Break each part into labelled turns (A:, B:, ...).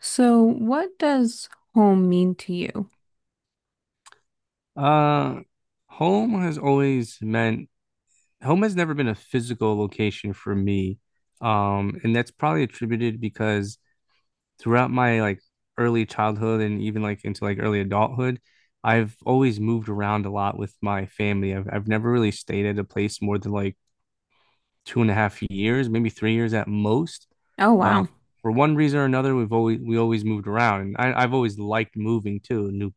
A: So, what does home mean to you?
B: Uh, home has always meant Home has never been a physical location for me. And that's probably attributed because throughout my like early childhood and even like into like early adulthood, I've always moved around a lot with my family. I've never really stayed at a place more than like 2.5 years, maybe 3 years at most.
A: Oh,
B: Uh,
A: wow.
B: for one reason or another, we always moved around, and I've always liked moving too.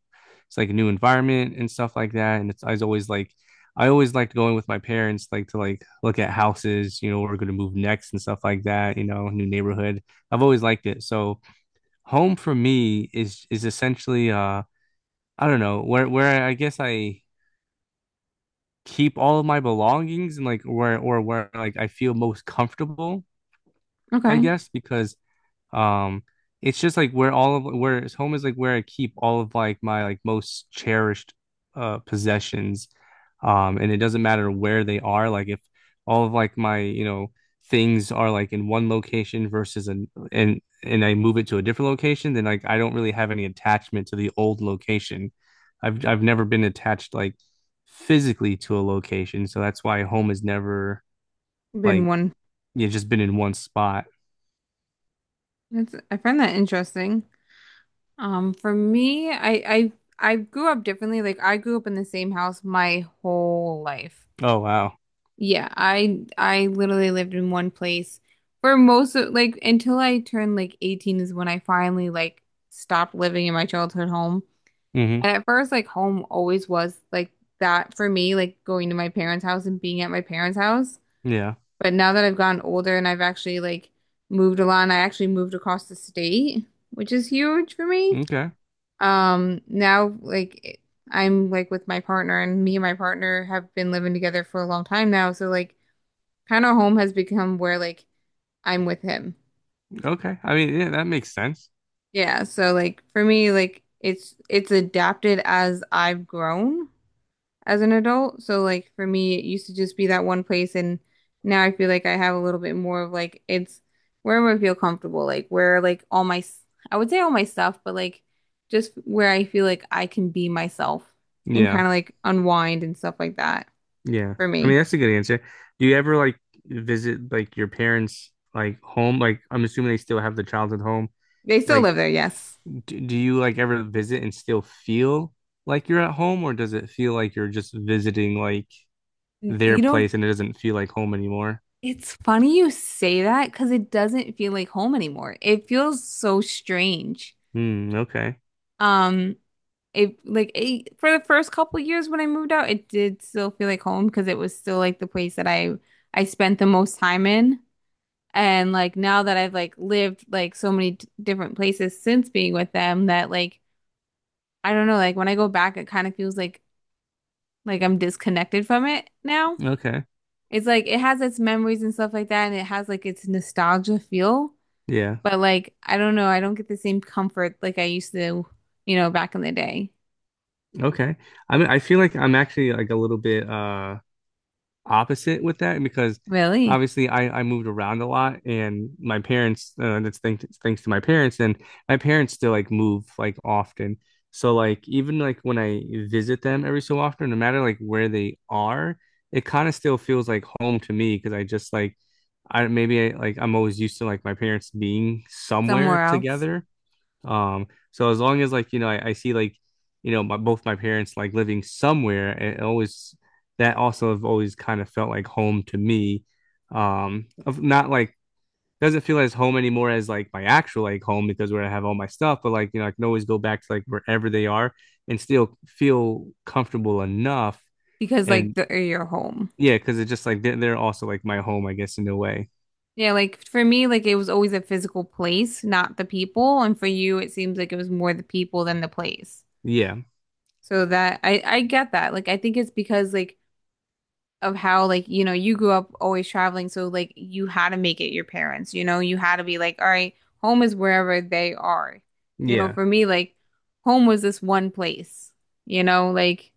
B: It's like a new environment and stuff like that. And it's I always liked going with my parents, like to like look at houses, where we're going to move next and stuff like that. New neighborhood. I've always liked it. So home for me is essentially I don't know where I guess I keep all of my belongings and like where like I feel most comfortable I
A: Okay.
B: guess, because um it's just like where all of where it's home is like where I keep all of like my like most cherished possessions. And it doesn't matter where they are. Like if all of like my, things are like in one location versus an and I move it to a different location, then like I don't really have any attachment to the old location. I've never been attached like physically to a location, so that's why home has never
A: Been
B: like
A: one.
B: you just been in one spot.
A: I find that interesting. For me, I grew up differently. Like I grew up in the same house my whole life.
B: Oh wow.
A: Yeah, I literally lived in one place for most of like until I turned like 18 is when I finally like stopped living in my childhood home.
B: Hmm.
A: And at first, like home always was like that for me, like going to my parents' house and being at my parents' house.
B: Yeah.
A: But now that I've gotten older and I've actually like moved a lot, and I actually moved across the state, which is huge for me.
B: Okay.
A: Now like I'm like with my partner, and me and my partner have been living together for a long time now. So like, kind of home has become where like I'm with him.
B: Okay. I mean, yeah, that makes sense.
A: Yeah. So like for me, like it's adapted as I've grown. As an adult. So like for me, it used to just be that one place and now I feel like I have a little bit more of like it's wherever I feel comfortable, like where like I would say all my stuff, but like just where I feel like I can be myself and
B: Yeah.
A: kind of like unwind and stuff like that
B: Yeah.
A: for
B: I mean,
A: me.
B: that's a good answer. Do you ever like visit like your parents' like home? Like, I'm assuming they still have the childhood home.
A: They still
B: Like,
A: live there, yes.
B: do you like ever visit and still feel like you're at home, or does it feel like you're just visiting like their
A: You know,
B: place and it doesn't feel like home anymore?
A: it's funny you say that because it doesn't feel like home anymore. It feels so strange.
B: Hmm. Okay.
A: Um, it like it, for the first couple years when I moved out, it did still feel like home because it was still like the place that I spent the most time in. And like now that I've like lived like so many d different places since being with them that like I don't know, like when I go back, it kind of feels like I'm disconnected from it now.
B: Okay.
A: It's like it has its memories and stuff like that, and it has like its nostalgia feel,
B: Yeah.
A: but like I don't know, I don't get the same comfort like I used to, you know, back in the day.
B: Okay. I mean, I feel like I'm actually like a little bit opposite with that because
A: Really?
B: obviously I moved around a lot and my parents that's thanks to my parents and my parents still like move like often, so like even like when I visit them every so often, no matter like where they are, it kind of still feels like home to me because I just like I maybe I, like I'm always used to like my parents being somewhere
A: Somewhere else?
B: together, so as long as like, I see like, my both my parents like living somewhere, it always that also have always kind of felt like home to me. Of not like doesn't feel as home anymore as like my actual like home because where I have all my stuff, but like, I can always go back to like wherever they are and still feel comfortable enough.
A: Because like
B: And
A: the or your home.
B: yeah, because it's just like they're also like my home, I guess, in a way.
A: Yeah, like for me, like it was always a physical place, not the people. And for you, it seems like it was more the people than the place.
B: Yeah.
A: So that I get that. Like I think it's because like of how like you know you grew up always traveling, so like you had to make it your parents. You know, you had to be like, all right, home is wherever they are. You know,
B: Yeah.
A: for me, like home was this one place. You know, like.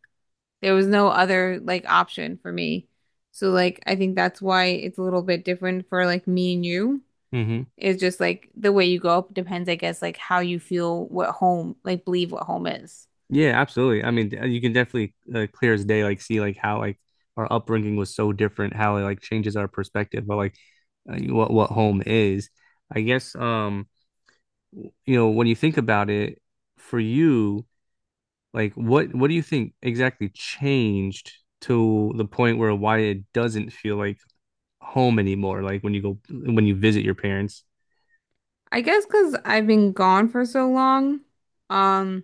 A: There was no other like option for me. So like I think that's why it's a little bit different for like me and you.
B: Hmm.
A: It's just like the way you grow up depends, I guess, like how you feel what home, like believe what home is.
B: Yeah, absolutely. I mean, you can definitely clear as day, like see like how like our upbringing was so different, how it like changes our perspective, but like what home is. I guess you know when you think about it, for you, like what do you think exactly changed to the point where why it doesn't feel like home anymore? Like when you visit your parents.
A: I guess because I've been gone for so long, um,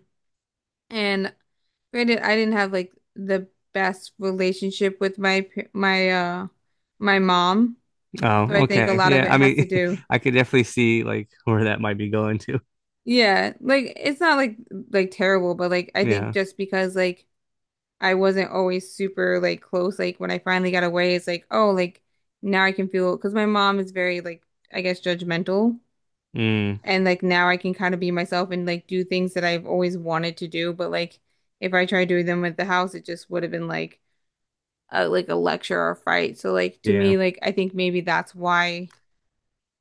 A: and granted, I didn't have like the best relationship with my pa- my my mom, so I
B: Oh,
A: think a
B: okay.
A: lot of
B: Yeah,
A: it
B: I
A: has to
B: mean,
A: do.
B: I could definitely see like where that might be going to.
A: Yeah, like it's not like like terrible, but like I think
B: Yeah.
A: just because like I wasn't always super like close. Like when I finally got away, it's like, oh, like now I can feel because my mom is very like I guess judgmental,
B: Mm,
A: and like now I can kind of be myself and like do things that I've always wanted to do. But like if I tried doing them at the house, it just would have been like a lecture or a fight. So like to
B: yeah.
A: me, like I think maybe that's why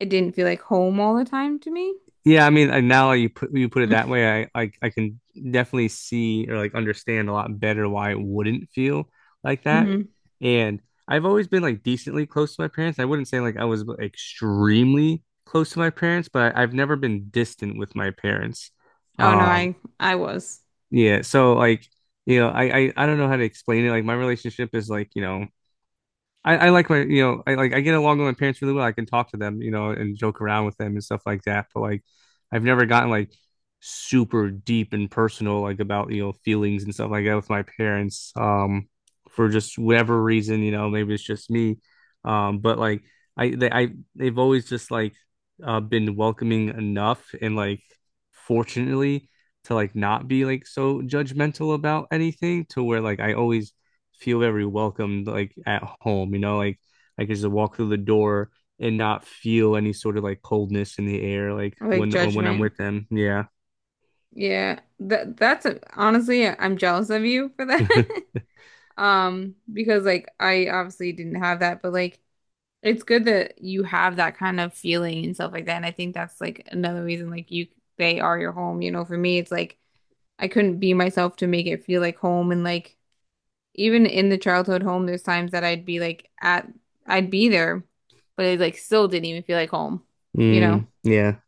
A: it didn't feel like home all the time to me.
B: Yeah, I mean, now you put it that way, I can definitely see or like understand a lot better why it wouldn't feel like that.
A: Hmm.
B: And I've always been like decently close to my parents. I wouldn't say like I was extremely close to my parents, but I've never been distant with my parents.
A: Oh no,
B: Um,
A: I was
B: yeah, so like I don't know how to explain it. Like my relationship is like I like my, I get along with my parents really well. I can talk to them, and joke around with them and stuff like that. But like, I've never gotten like super deep and personal, like about feelings and stuff like that with my parents. For just whatever reason, maybe it's just me. But like I, they, I, they've always just like been welcoming enough and like fortunately to like not be like so judgmental about anything to where like I always feel very welcomed like at home, like I could just walk through the door and not feel any sort of like coldness in the air like
A: like
B: when I'm
A: judgment.
B: with them. Yeah.
A: Yeah, that's a, honestly, I'm jealous of you for that. Because like I obviously didn't have that, but like it's good that you have that kind of feeling and stuff like that. And I think that's like another reason like you they are your home. You know, for me, it's like I couldn't be myself to make it feel like home. And like even in the childhood home, there's times that I'd be there, but it like still didn't even feel like home, you know.
B: Mm, yeah.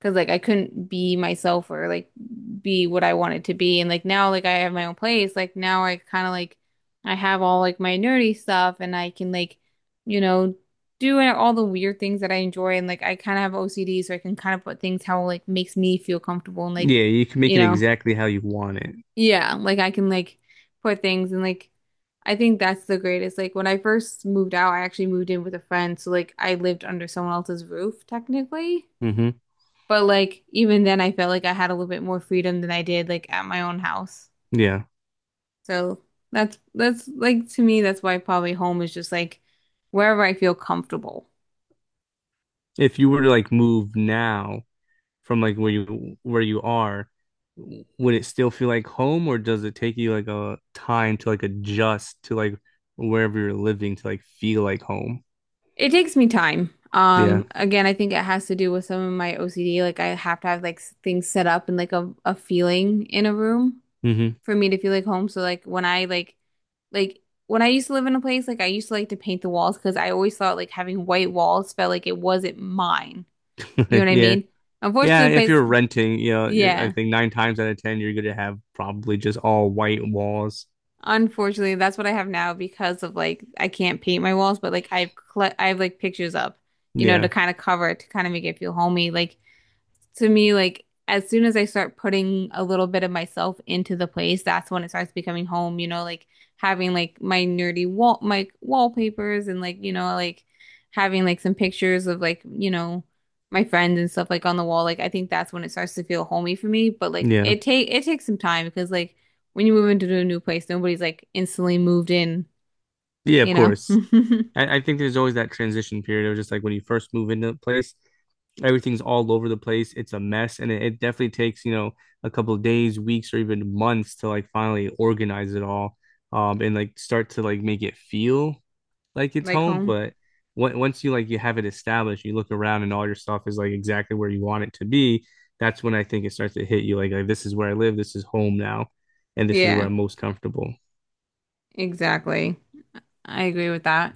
A: Cause like I couldn't be myself or like be what I wanted to be. And like now like I have my own place. Like now I kind of like I have all like my nerdy stuff and I can like, you know, do all the weird things that I enjoy and like I kind of have OCD so I can kind of put things how like makes me feel comfortable and like,
B: Yeah, you can
A: you
B: make it
A: know,
B: exactly how you want it.
A: yeah, like I can like put things and like I think that's the greatest. Like when I first moved out, I actually moved in with a friend, so like I lived under someone else's roof technically.
B: Hmm.
A: But like even then I felt like I had a little bit more freedom than I did like at my own house.
B: Yeah.
A: So that's like to me that's why probably home is just like wherever I feel comfortable.
B: If you were to like move now from like where you are, would it still feel like home or does it take you like a time to like adjust to like wherever you're living to like feel like home?
A: It takes me time.
B: Yeah.
A: Again, I think it has to do with some of my OCD. Like I have to have things set up and like a feeling in a room
B: Hmm.
A: for me to feel like home. So like when I used to live in a place, like I used to like to paint the walls because I always thought like having white walls felt like it wasn't mine. You know what I
B: Yeah.
A: mean? Unfortunately,
B: Yeah,
A: the
B: if
A: place.
B: you're renting, I
A: Yeah.
B: think nine times out of ten, you're gonna have probably just all white walls.
A: Unfortunately, that's what I have now because of like I can't paint my walls, but like I've like pictures up, you know, to
B: Yeah,
A: kind of cover it, to kind of make it feel homey. Like to me, like as soon as I start putting a little bit of myself into the place, that's when it starts becoming home, you know, like having like my wallpapers and like, you know, like having like some pictures of like, you know, my friends and stuff like on the wall. Like I think that's when it starts to feel homey for me. But like
B: yeah,
A: it takes some time because like when you move into a new place, nobody's like instantly moved in,
B: yeah. Of
A: you know,
B: course, I think there's always that transition period of just like when you first move into a place, everything's all over the place. It's a mess, and it definitely takes, a couple of days, weeks, or even months to like finally organize it all, and like start to like make it feel like it's
A: like
B: home,
A: home.
B: but once you have it established, you look around and all your stuff is like exactly where you want it to be. That's when I think it starts to hit you like this is where I live, this is home now, and this is where
A: Yeah,
B: I'm most comfortable.
A: exactly. I agree with that.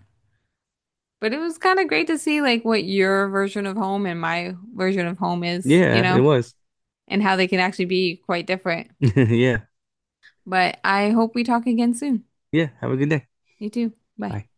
A: But it was kind of great to see like what your version of home and my version of home is, you
B: Yeah, it
A: know,
B: was.
A: and how they can actually be quite different.
B: Yeah.
A: But I hope we talk again soon.
B: Yeah. Have a good day.
A: You too. Bye.
B: Bye.